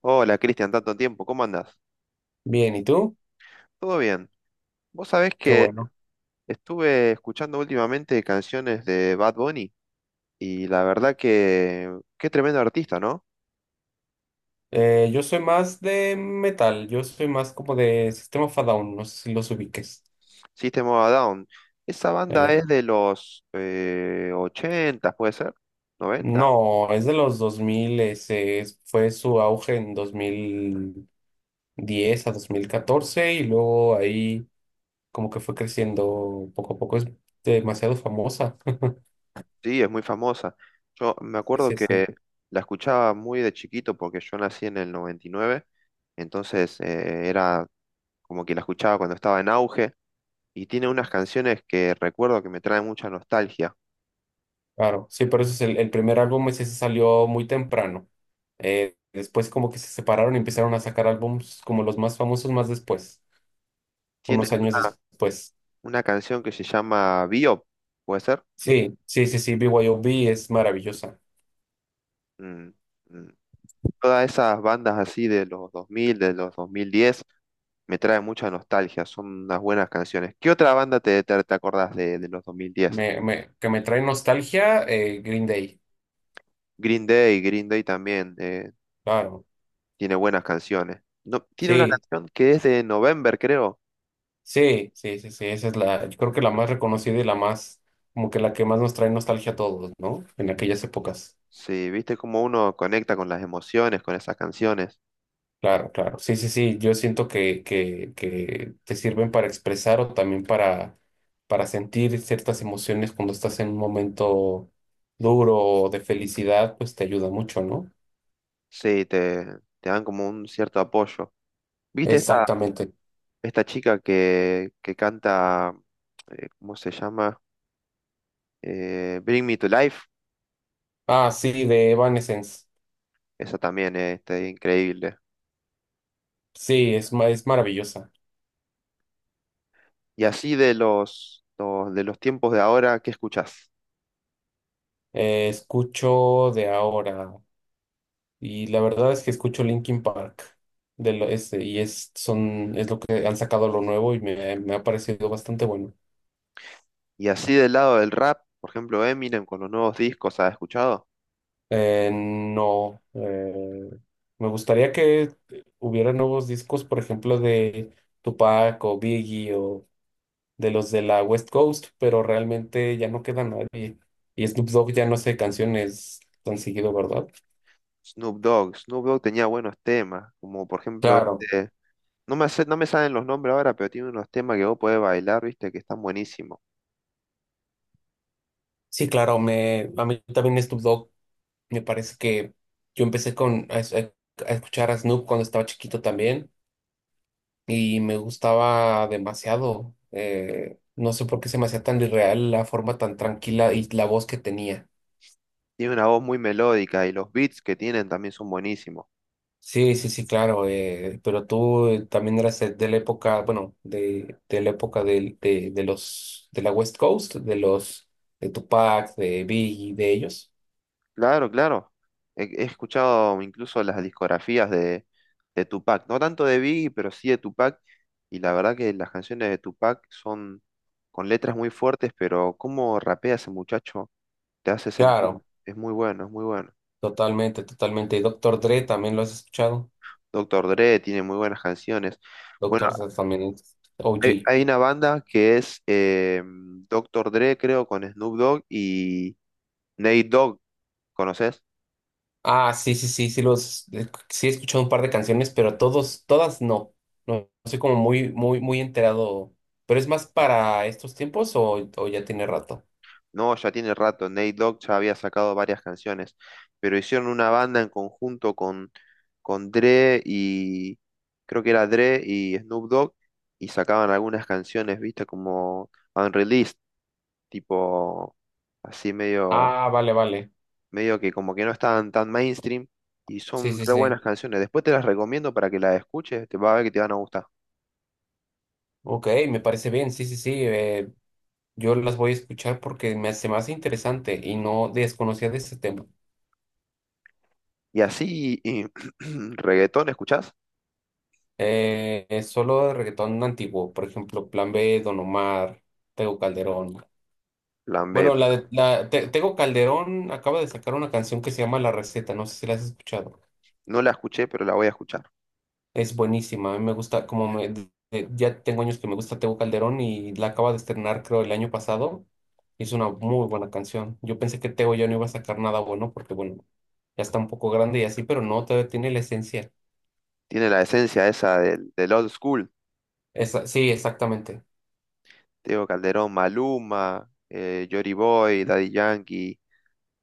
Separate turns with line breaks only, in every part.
Hola Cristian, tanto tiempo, ¿cómo andás?
Bien, ¿y tú?
¿Todo bien? Vos sabés
Qué
que
bueno.
estuve escuchando últimamente canciones de Bad Bunny y la verdad que qué tremendo artista, ¿no?
Yo soy más de metal, yo soy más como de Sistema of a Down, no sé si los ubiques.
System of a Down. Esa banda
Eh,
es de los 80, puede ser, 90.
no, es de los dos mil, fue su auge en dos mil diez a 2014 y luego ahí como que fue creciendo poco a poco, es demasiado famosa.
Sí, es muy famosa. Yo me
Sí,
acuerdo
sí,
que
sí,
la escuchaba muy de chiquito porque yo nací en el 99, entonces era como que la escuchaba cuando estaba en auge. Y tiene unas canciones que recuerdo que me traen mucha nostalgia.
Claro. Sí, pero eso es el primer álbum, ese se salió muy temprano. Después como que se separaron y empezaron a sacar álbumes como los más famosos más después.
Tienen
Unos años después.
una canción que se llama Biop, ¿puede ser?
Sí, sí, sí, sí, B Y O B es maravillosa.
Mm, mm. Todas esas bandas así de los 2000, de los 2010, me traen mucha nostalgia, son unas buenas canciones. ¿Qué otra banda te acordás de los 2010?
Que me trae nostalgia, Green Day,
Green Day, Green Day también
claro.
tiene buenas canciones. No, tiene una
Sí,
canción que es de November, creo.
sí, sí, sí, sí, esa es yo creo que la más reconocida y la más, como que la que más nos trae nostalgia a todos, ¿no? En aquellas épocas.
Sí, viste cómo uno conecta con las emociones, con esas canciones.
Claro, claro. Sí, sí, sí, yo siento que te sirven para expresar o también para sentir ciertas emociones cuando estás en un momento duro o de felicidad, pues te ayuda mucho, ¿no?
Sí, te dan como un cierto apoyo. ¿Viste
Exactamente.
esta chica que canta, cómo se llama? Bring Me to Life.
Ah, sí, de Evanescence.
Esa también es está increíble.
Sí, es, es maravillosa.
Y así de de los tiempos de ahora, ¿qué escuchás?
Escucho de ahora y la verdad es que escucho Linkin Park de lo, este, y es, son, es lo que han sacado, lo nuevo, y me ha parecido bastante bueno.
Y así del lado del rap, por ejemplo, Eminem con los nuevos discos, ¿has escuchado?
No, me gustaría que hubiera nuevos discos, por ejemplo, de Tupac o Biggie o de los de la West Coast, pero realmente ya no queda nadie. Y Snoop Dogg ya no hace canciones tan seguido, ¿verdad?
Snoop Dogg. Snoop Dogg tenía buenos temas, como por ejemplo
Claro.
este... No me salen los nombres ahora, pero tiene unos temas que vos podés bailar, ¿viste? Que están buenísimos.
Sí, claro, a mí también Snoop Dogg, me parece que yo empecé a escuchar a Snoop cuando estaba chiquito también y me gustaba demasiado. No sé por qué se me hacía tan irreal la forma tan tranquila y la voz que tenía.
Tiene una voz muy melódica y los beats que tienen también son buenísimos.
Sí, sí, sí, claro, pero tú también eras de la época, bueno, de la época de la West Coast, de Tupac, de Biggie, de ellos.
Claro, claro. He escuchado incluso las discografías de Tupac, no tanto de Biggie, pero sí de Tupac. Y la verdad que las canciones de Tupac son con letras muy fuertes, pero cómo rapea ese muchacho te hace sentir.
Claro,
Es muy bueno, es muy bueno.
totalmente, totalmente. Y Doctor Dre también lo has escuchado.
Doctor Dre tiene muy buenas canciones. Bueno,
Doctor Seuss también es OG.
hay una banda que es Doctor Dre, creo, con Snoop Dogg y Nate Dogg. ¿Conoces?
Ah, sí, sí, sí, sí, los sí, he escuchado un par de canciones, pero todos, todas no. No, no soy como muy, muy, muy enterado. ¿Pero es más para estos tiempos o ya tiene rato?
No, ya tiene rato. Nate Dogg ya había sacado varias canciones, pero hicieron una banda en conjunto con Dre y creo que era Dre y Snoop Dogg y sacaban algunas canciones, viste, como unreleased, tipo así medio,
Ah, vale, vale.
medio que como que no estaban tan mainstream y
Sí,
son
sí,
re
sí.
buenas canciones. Después te las recomiendo para que las escuches, te va a ver que te van a gustar.
Ok, me parece bien. Sí, sí, sí. Yo las voy a escuchar porque me hace más interesante y no desconocía de ese tema.
Y así, y, reggaetón, ¿escuchás?
Es solo de reggaetón antiguo, por ejemplo, Plan B, Don Omar, Tego Calderón.
Plan B.
Bueno, la de- la, Te- Tego Calderón acaba de sacar una canción que se llama La Receta, no sé si la has escuchado.
No la escuché, pero la voy a escuchar.
Es buenísima, a mí me gusta, como me, de- ya tengo años que me gusta Tego Calderón y la acaba de estrenar, creo, el año pasado. Es una muy buena canción. Yo pensé que Tego ya no iba a sacar nada bueno porque, bueno, ya está un poco grande y así, pero no, todavía tiene la esencia.
Tiene la esencia esa del old school.
Sí, exactamente.
Diego Calderón, Maluma, Jory Boy, Daddy Yankee,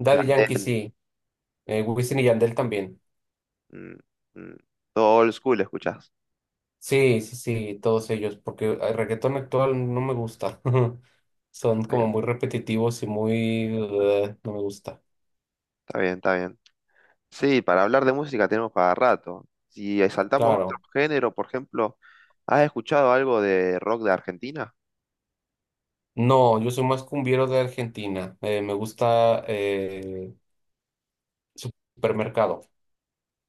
Daddy Yankee
Yandel.
sí, Wisin y Yandel también.
Mm, mm, todo old school escuchás.
Sí, sí, sí, todos ellos, porque el reggaetón actual no me gusta. Son
Está
como
bien,
muy repetitivos y muy... no me gusta.
está bien, está bien. Sí, para hablar de música tenemos para rato. Si saltamos a otro
Claro.
género, por ejemplo, ¿has escuchado algo de rock de Argentina?
No, yo soy más cumbiero de Argentina. Me gusta, supermercado.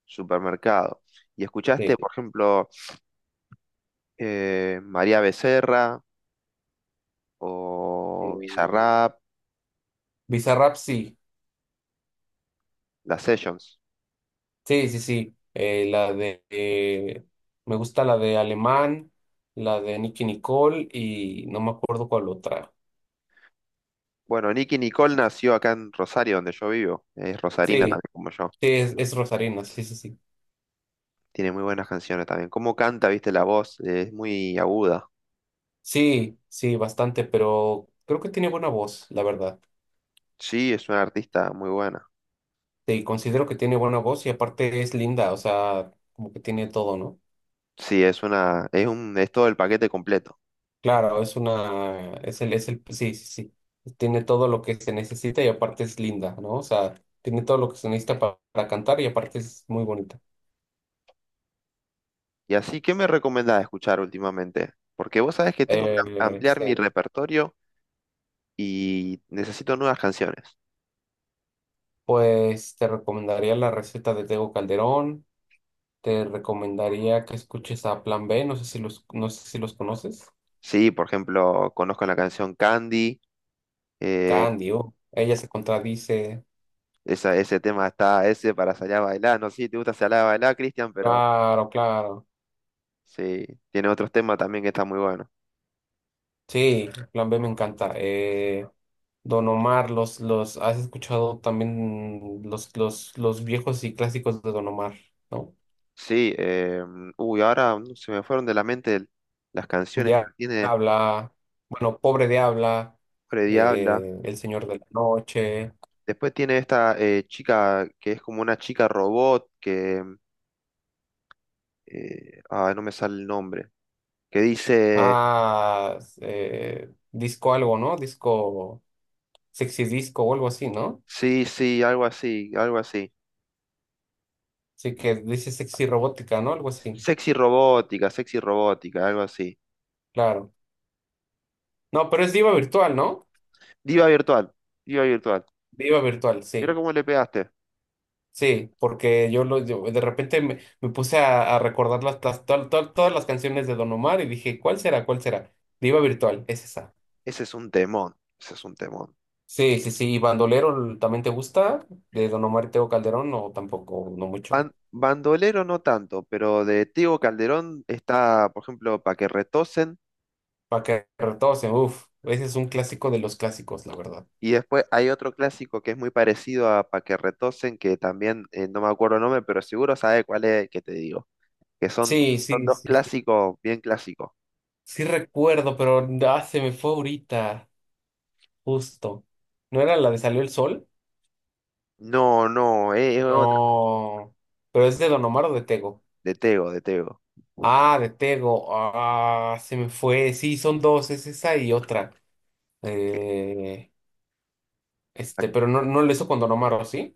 Supermercado. ¿Y escuchaste,
Sí.
por ejemplo, María Becerra o
Eh,
Bizarrap,
Bizarrap, sí.
las Sessions?
Sí, sí, sí. Me gusta la de Alemán, la de Nicki Nicole, y no me acuerdo cuál otra.
Bueno, Nicki Nicole nació acá en Rosario, donde yo vivo. Es rosarina
Sí,
también, como yo.
sí, es rosarina, sí, sí, sí.
Tiene muy buenas canciones también. Cómo canta, viste, la voz, es muy aguda.
Sí, sí, bastante, pero creo que tiene buena voz, la verdad.
Sí, es una artista muy buena.
Sí, considero que tiene buena voz y aparte es linda, o sea, como que tiene todo, ¿no?
Sí, es una, es un, es todo el paquete completo.
Claro, es una, sí, sí, sí, tiene todo lo que se necesita y aparte es linda, ¿no? O sea, tiene todo lo que se necesita para cantar y aparte es muy bonita.
Y así, ¿qué me recomendás escuchar últimamente? Porque vos sabés que tengo que ampliar mi
Sí,
repertorio y necesito nuevas canciones.
pues te recomendaría La Receta de Tego Calderón, te recomendaría que escuches a Plan B, no sé si los, no sé si los conoces.
Sí, por ejemplo, conozco la canción Candy. eh,
Candio, ella se contradice.
esa, ese tema está, ese para salir a bailar. No sé si te gusta salir a bailar, Cristian, pero
Claro, claro.
sí, tiene otros temas también que están muy buenos.
Sí, Plan B me encanta. Don Omar, ¿has escuchado también los viejos y clásicos de Don Omar, ¿no?
Sí, uy, ahora mm, se me fueron de la mente las canciones, pero tiene
Diabla, bueno, Pobre Diabla,
Freddy Habla.
El Señor de la Noche,
Después tiene esta chica que es como una chica robot que. Mm, no me sale el nombre. Que dice.
ah, disco algo, ¿no? Disco, sexy disco o algo así, ¿no?
Sí, sí, algo así, algo así.
Sí, que dice sexy robótica, ¿no? Algo así,
Sexy robótica, algo así.
claro. No, pero es Diva Virtual, ¿no?
Diva virtual, diva virtual.
Diva Virtual,
Mira
sí.
cómo le pegaste.
Sí, porque yo, yo de repente me puse a recordar todas las canciones de Don Omar y dije, ¿cuál será? ¿Cuál será? Diva Virtual, es esa.
Ese es un temón, ese es un temón.
Sí, sí, sí. ¿Y Bandolero también te gusta? ¿De Don Omar y Tego Calderón? No, tampoco, no mucho.
Bandolero no tanto, pero de Tego Calderón está, por ejemplo, Pa' que retosen.
Pa' que Paquetarrotos, uff, ese es un clásico de los clásicos, la verdad.
Y después hay otro clásico que es muy parecido a Pa' que retosen, que también no me acuerdo el nombre, pero seguro sabe cuál es el que te digo. Que
Sí,
son
sí,
dos
sí, sí.
clásicos, bien clásicos.
Sí recuerdo, pero ah, se me fue ahorita, justo. ¿No era la de Salió el Sol?
No, no, es otro.
No. ¿Pero es de Don Omar o de Tego?
De Tego, de Tego.
Ah, de Tego. Ah, se me fue. Sí, son dos, es esa y otra.
Que-
Eh,
pa-
pero no, no lo hizo con Don Omar, ¿o ¿sí?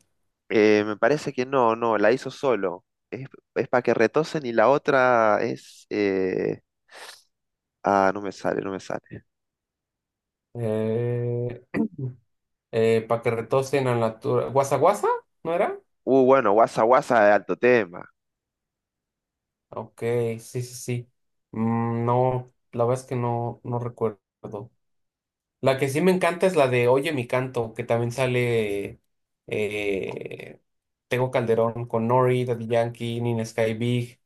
me parece que no, no, la hizo solo. Es, es para que retosen y la otra es... no me sale, no me sale.
Eh, para que retocen a la tura. ¿Guasa Guasa? ¿No era?
Bueno, Guasa Guasa de alto tema.
Ok, sí, sí, sí. Mm, no, la verdad es que no, no recuerdo. La que sí me encanta es la de Oye Mi Canto, que también sale eh, Tego Calderón con Nori, Daddy Yankee, Nina Sky Big.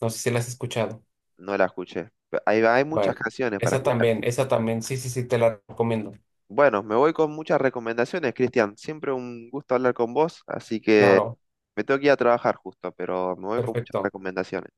No sé si la has escuchado.
No la escuché. Hay, hay muchas
Vale.
canciones para escuchar.
Esa también, sí, sí, sí, te la recomiendo.
Bueno, me voy con muchas recomendaciones, Cristian. Siempre un gusto hablar con vos, así que
Claro,
me tengo que ir a trabajar justo, pero me voy con muchas
perfecto.
recomendaciones.